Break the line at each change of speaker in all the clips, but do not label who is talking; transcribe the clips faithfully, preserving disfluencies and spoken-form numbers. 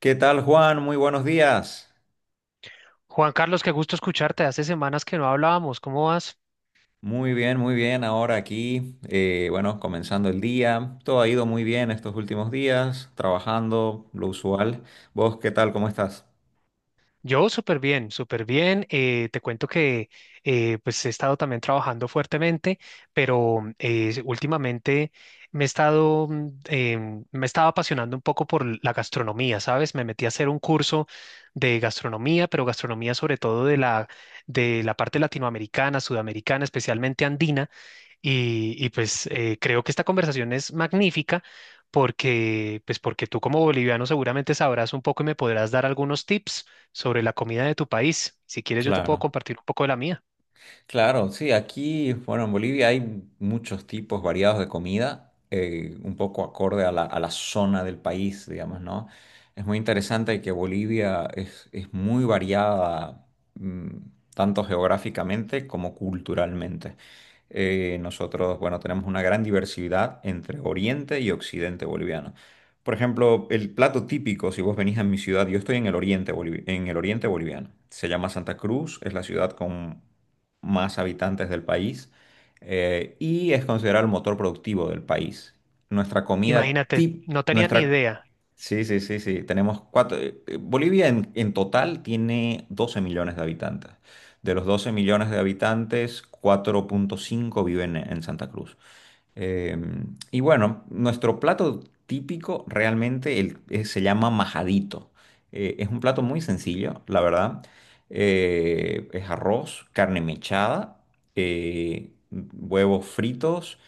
¿Qué tal, Juan? Muy buenos días.
Juan Carlos, qué gusto escucharte. Hace semanas que no hablábamos. ¿Cómo vas?
Muy bien, muy bien. Ahora aquí, eh, bueno, comenzando el día. Todo ha ido muy bien estos últimos días, trabajando, lo usual. ¿Vos qué tal? ¿Cómo estás?
Yo súper bien, súper bien. Eh, te cuento que eh, pues he estado también trabajando fuertemente, pero eh, últimamente me he estado, mm, em, me estaba apasionando un poco por la gastronomía, ¿sabes? Me metí a hacer un curso de gastronomía, pero gastronomía sobre todo de la, de la parte latinoamericana, sudamericana, especialmente andina. Y, y, pues eh, creo que esta conversación es magnífica porque, pues porque tú como boliviano seguramente sabrás un poco y me podrás dar algunos tips sobre la comida de tu país. Si quieres, yo te puedo
Claro.
compartir un poco de la mía.
Claro, sí, aquí, bueno, en Bolivia hay muchos tipos variados de comida, eh, un poco acorde a la, a la zona del país, digamos, ¿no? Es muy interesante que Bolivia es, es muy variada, mm, tanto geográficamente como culturalmente. Eh, nosotros, bueno, tenemos una gran diversidad entre Oriente y Occidente boliviano. Por ejemplo, el plato típico, si vos venís a mi ciudad, yo estoy en el oriente, bolivi- en el oriente boliviano. Se llama Santa Cruz, es la ciudad con más habitantes del país, eh, y es considerado el motor productivo del país. Nuestra comida
Imagínate,
tip,
no tenía ni
nuestra...
idea.
Sí, sí, sí, sí. Tenemos cuatro... eh, eh, Bolivia en, en total tiene doce millones de habitantes. De los doce millones de habitantes, cuatro punto cinco viven en en Santa Cruz. Eh, y bueno, nuestro plato típico realmente el- eh, se llama majadito. Eh, es un plato muy sencillo, la verdad. Eh, es arroz, carne mechada, eh, huevos fritos.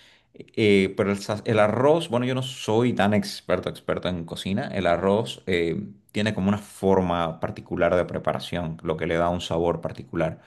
eh, Pero el, sa- el arroz, bueno, yo no soy tan experto, experto en cocina. El arroz eh, tiene como una forma particular de preparación, lo que le da un sabor particular.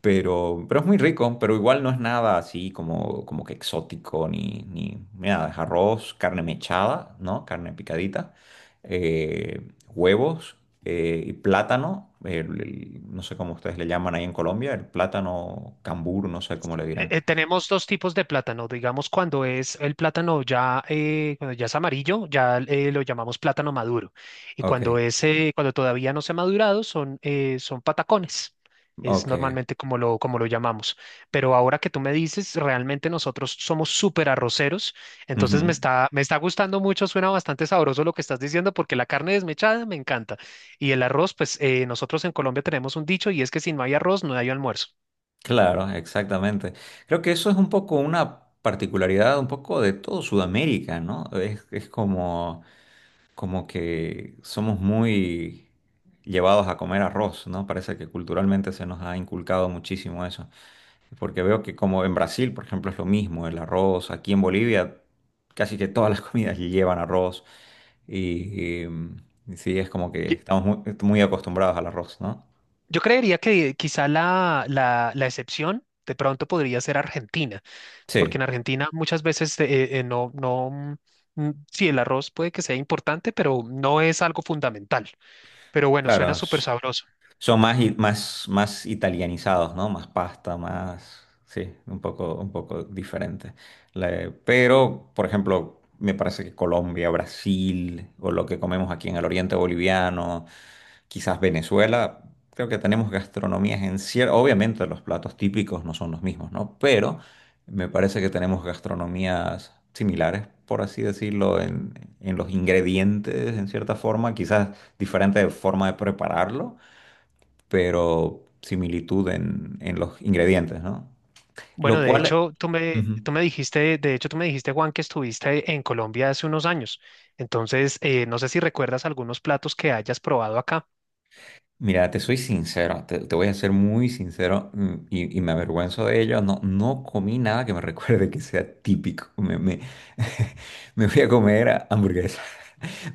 Pero, pero es muy rico, pero igual no es nada así como, como que exótico ni, ni nada. Es arroz, carne mechada, ¿no? Carne picadita, eh, huevos eh, y plátano. El- el- no sé cómo ustedes le llaman ahí en Colombia, el plátano cambur, no sé cómo le
eh,
dirán.
eh, Tenemos dos tipos de plátano. Digamos, cuando es el plátano ya, eh, cuando ya es amarillo, ya eh, lo llamamos plátano maduro. Y
Ok,
cuando es, eh, cuando todavía no se ha madurado, son, eh, son patacones. Es
ok.
normalmente como lo, como lo llamamos. Pero ahora que tú me dices, realmente nosotros somos súper arroceros.
Ujú.
Entonces me está, me está gustando mucho, suena bastante sabroso lo que estás diciendo, porque la carne desmechada me encanta. Y el arroz, pues eh, nosotros en Colombia tenemos un dicho y es que si no hay arroz, no hay almuerzo.
Claro, exactamente. Creo que eso es un poco una particularidad un poco de todo Sudamérica, ¿no? Es, es como... como que somos muy llevados a comer arroz, ¿no? Parece que culturalmente se nos ha inculcado muchísimo eso. Porque veo que como en Brasil, por ejemplo, es lo mismo, el arroz, aquí en Bolivia casi que todas las comidas llevan arroz y, y, mm, sí, es como que estamos muy, muy acostumbrados al arroz, ¿no?
Yo creería que quizá la, la, la excepción de pronto podría ser Argentina, porque
Sí,
en Argentina muchas veces eh, eh, no, no, mm, mm, sí, el arroz puede que sea importante, pero no es algo fundamental. Pero bueno, suena
claro,
súper
es-
sabroso.
son más, i- más, más italianizados, ¿no? Más pasta, más... Sí, un poco, un poco diferente. La- pero, por ejemplo, me parece que Colombia, Brasil, o lo que comemos aquí en el oriente boliviano, quizás Venezuela, creo que tenemos gastronomías en cierto... Obviamente los platos típicos no son los mismos, ¿no? Pero me parece que tenemos gastronomías similares, por así decirlo, en, en los ingredientes, en cierta forma, quizás diferente forma de prepararlo, pero similitud en, en los ingredientes, ¿no?
Bueno,
Lo
de
cual,
hecho, tú me,
ujú,
tú me dijiste, de hecho, tú me dijiste, Juan, que estuviste en Colombia hace unos años. Entonces, eh, no sé si recuerdas algunos platos que hayas probado acá.
mira, te soy sincero, te, te voy a ser muy sincero, mm, y, y me avergüenzo de ello, no, no comí nada que me recuerde que sea típico, me, me, me fui a comer hamburguesa.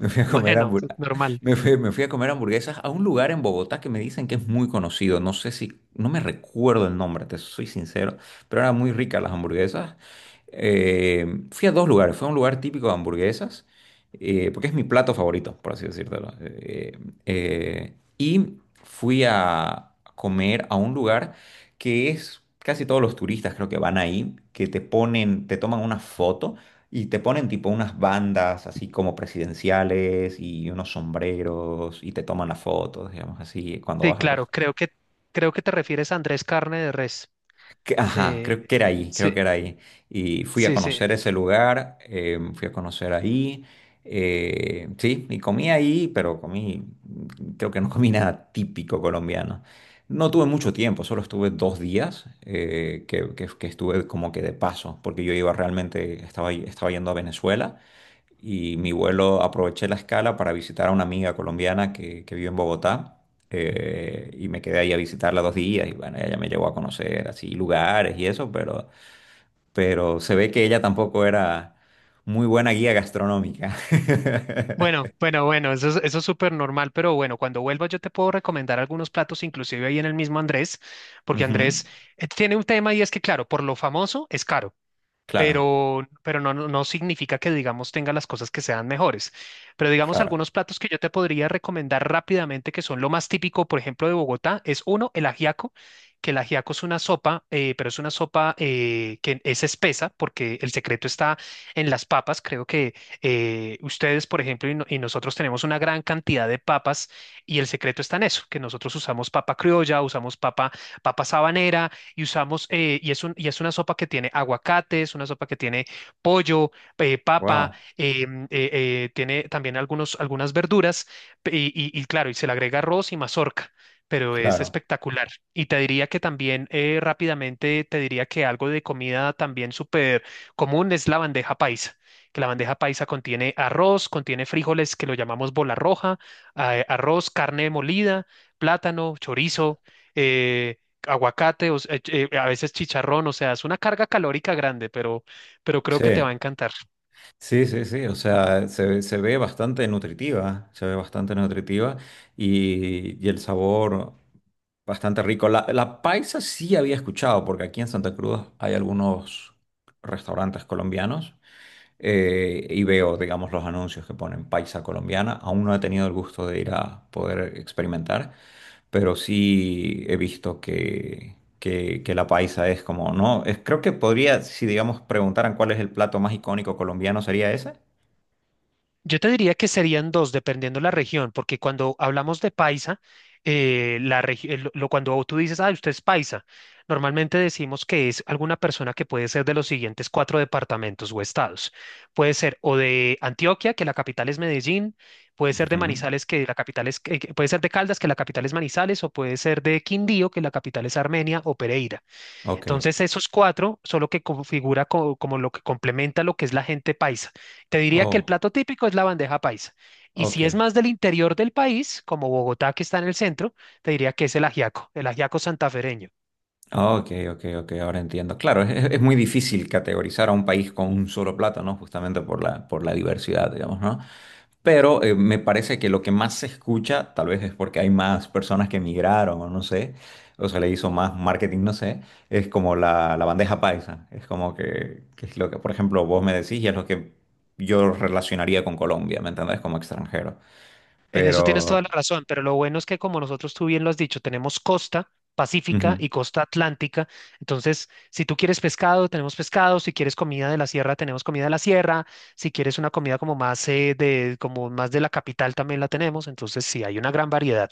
Me fui a comer
Bueno, es
hamburguesas.
normal.
Me fui, me fui a comer hamburguesas a un lugar en Bogotá que me dicen que es muy conocido. No sé si, no me recuerdo el nombre, te soy sincero, pero eran muy ricas las hamburguesas. Eh, fui a dos lugares. Fue a un lugar típico de hamburguesas, eh, porque es mi plato favorito, por así decírtelo. Eh, eh, y fui a comer a un lugar que es casi todos los turistas creo que van ahí, que te ponen, te toman una foto y te ponen tipo unas bandas así como presidenciales y unos sombreros y te toman las fotos, digamos así, cuando
Sí,
vas al
claro,
restaurante.
creo que, creo que te refieres a Andrés Carne de Res.
Ajá,
Eh,
creo que era ahí, creo
Sí.
que era ahí. Y fui a
Sí, sí.
conocer ese lugar, eh, fui a conocer ahí. Eh, sí, y comí ahí, pero comí, creo que no comí nada típico colombiano. No tuve mucho tiempo, solo estuve dos días, eh, que, que- que estuve como que de paso, porque yo iba realmente, estaba, estaba yendo a Venezuela y mi vuelo aproveché la escala para visitar a una amiga colombiana que, que vive en Bogotá, eh, y me quedé ahí a visitarla dos días y bueno, ella me llevó a conocer así lugares y eso, pero, pero se ve que ella tampoco era muy buena guía gastronómica.
Bueno, bueno, bueno, eso es, eso es súper normal, pero bueno, cuando vuelva yo te puedo recomendar algunos platos, inclusive ahí en el mismo Andrés, porque Andrés
Ujú,
eh, tiene un tema y es que, claro, por lo famoso es caro.
claro,
pero, pero no, no no significa que, digamos, tenga las cosas que sean mejores. Pero, digamos,
claro.
algunos platos que yo te podría recomendar rápidamente, que son lo más típico, por ejemplo, de Bogotá, es uno, el ajiaco, que el ajiaco es una sopa, eh, pero es una sopa eh, que es espesa, porque el secreto está en las papas. Creo que eh, ustedes, por ejemplo, y, no- y nosotros tenemos una gran cantidad de papas, y el secreto está en eso, que nosotros usamos papa criolla, usamos papa, papa sabanera y usamos, eh, y es un, y es una sopa que tiene aguacate, es una sopa que tiene pollo, eh, papa,
Wow,
eh, eh, eh, tiene también algunos, algunas verduras, pe- y, y- y claro, y se le agrega arroz y mazorca. Pero es
claro.
espectacular. Y te diría que también eh, rápidamente te diría que algo de comida también súper común es la bandeja paisa, que la bandeja paisa contiene arroz, contiene frijoles que lo llamamos bola roja, eh, arroz, carne molida, plátano, chorizo. eh, Aguacate, o s- eh, eh, a veces chicharrón, o sea, es una carga calórica grande, pero, pero creo
Sí,
que te va a encantar.
sí, sí, sí. O sea, se, ve- se ve bastante nutritiva, se ve bastante nutritiva y, y el sabor. Bastante rico. La, la paisa sí había escuchado, porque aquí en Santa Cruz hay algunos restaurantes colombianos, eh, y veo, digamos, los anuncios que ponen paisa colombiana. Aún no he tenido el gusto de ir a poder experimentar, pero sí he visto que, que, que la paisa es como, ¿no? Es, creo que podría, si digamos preguntaran cuál es el plato más icónico colombiano, sería ese.
Yo te diría que serían dos, dependiendo la región, porque cuando hablamos de paisa, eh, la regi- eh, lo, lo- cuando tú dices, ah, usted es paisa, normalmente decimos que es alguna persona que puede ser de los siguientes cuatro departamentos o estados. Puede ser o de Antioquia, que la capital es Medellín, puede ser de
Ujú.
Manizales, que la capital es, eh, que- puede ser de Caldas, que la capital es Manizales, o puede ser de Quindío, que la capital es Armenia o Pereira.
Ok.
Entonces, esos cuatro son lo que configura co- como lo que complementa lo que es la gente paisa. Te diría que el
Oh,
plato típico es la bandeja paisa. Y si es
ok.
más del interior del país, como Bogotá, que está en el centro, te diría que es el ajiaco, el ajiaco santafereño.
Ok, ok, ok, ahora entiendo. Claro, es, es muy difícil categorizar a un país con un solo plato, ¿no? Justamente por la, por la diversidad, digamos, ¿no? Pero eh, me parece que lo que más se escucha, tal vez es porque hay más personas que emigraron o no sé, o se le hizo más marketing, no sé, es como la, la bandeja paisa. Es como que, que es lo que, por ejemplo, vos me decís y es lo que yo relacionaría con Colombia, ¿me entendés? Como extranjero.
En eso tienes
Pero...
toda la razón, pero lo bueno es que como nosotros tú bien lo has dicho, tenemos costa pacífica
ujú.
y costa atlántica. Entonces, si tú quieres pescado, tenemos pescado, si quieres comida de la sierra, tenemos comida de la sierra, si quieres una comida como más eh, de como más de la capital también la tenemos, entonces sí hay una gran variedad.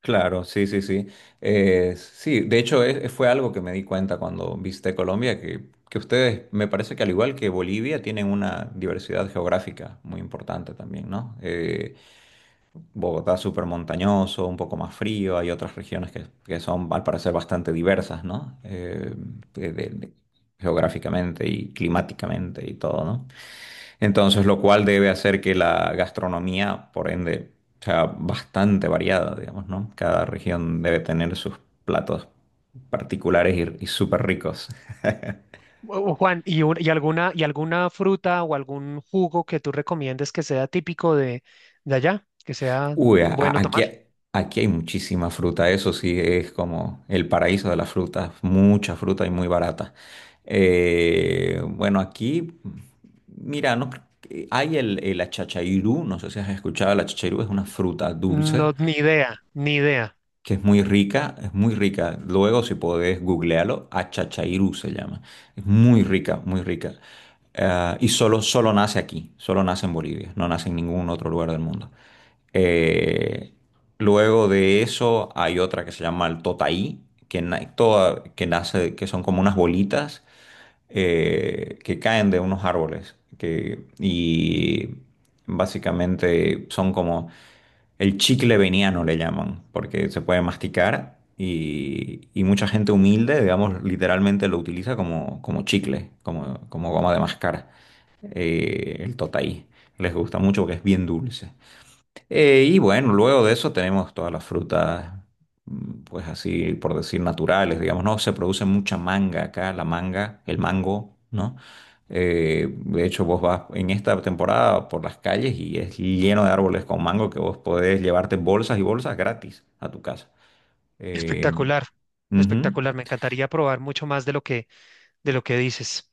Claro, sí, sí, sí. Eh, sí, de hecho es- fue algo que me di cuenta cuando visité Colombia, que, que ustedes, me parece que al igual que Bolivia, tienen una diversidad geográfica muy importante también, ¿no? Eh, Bogotá es súper montañoso, un poco más frío, hay otras regiones que, que son al parecer bastante diversas, ¿no? Eh, de- de- geográficamente y climáticamente y todo, ¿no? Entonces, lo cual debe hacer que la gastronomía, por ende, sea bastante variada, digamos, ¿no? Cada región debe tener sus platos particulares y, y súper ricos.
Ju- Juan, ¿y, un- y alguna y alguna fruta o algún jugo que tú recomiendes que sea típico de de allá, que sea
Uy, a- a-
bueno
aquí,
tomar?
aquí hay muchísima fruta, eso sí es como el paraíso de las frutas, mucha fruta y muy barata. Eh, bueno, aquí, mira, no, cre- hay el, el achachairú, no sé si has escuchado, el achachairú es una fruta dulce
No, ni idea, ni idea.
que es muy rica, es muy rica. Luego, si podés googlearlo, Achachairú se llama. Es muy rica, muy rica. Eh, y solo, solo nace aquí, solo nace en Bolivia, no nace en ningún otro lugar del mundo. Eh, Luego de eso hay otra que se llama el totaí, que, na- toda- que nace, que son como unas bolitas eh, que caen de unos árboles, que, y básicamente son como... El chicle veniano le llaman, porque se puede masticar y, y mucha gente humilde, digamos, literalmente lo utiliza como, como chicle, como, como goma de mascar. Eh, el totaí. Les gusta mucho porque es bien dulce. Eh, y bueno, luego de eso tenemos todas las frutas, mm, pues así por decir naturales, digamos, ¿no? Se produce mucha manga acá, la manga, el mango, ¿no? Eh, de hecho, vos vas en esta temporada por las calles y es lleno de árboles con mango que vos podés llevarte bolsas y bolsas gratis a tu casa. Eh,
Espectacular,
ujú.
espectacular. Me encantaría probar mucho más de lo que, de lo que dices.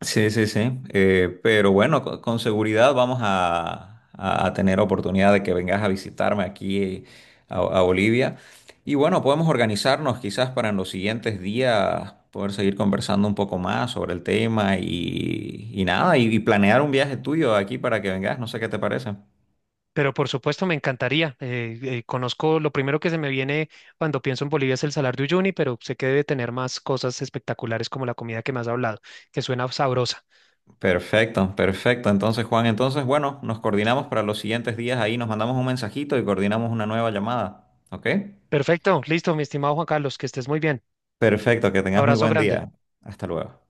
Sí, sí, sí. Eh, pero bueno, co- con seguridad vamos a, a- a tener oportunidad de que vengas a visitarme aquí, eh, a, a Bolivia. Y bueno, podemos organizarnos quizás para en los siguientes días poder seguir conversando un poco más sobre el tema y, y nada, y, y planear un viaje tuyo aquí para que vengas. No sé qué te parece.
Pero por supuesto, me encantaría. Eh, eh, conozco lo primero que se me viene cuando pienso en Bolivia es el Salar de Uyuni, pero sé que debe tener más cosas espectaculares como la comida que me has hablado, que suena sabrosa.
Perfecto, perfecto. Entonces, Juan, entonces, bueno, nos coordinamos para los siguientes días ahí, nos mandamos un mensajito y coordinamos una nueva llamada. ¿Ok?
Perfecto, listo, mi estimado Juan Carlos, que estés muy bien.
Perfecto, que tengas muy
Abrazo
buen
grande.
día. Hasta luego.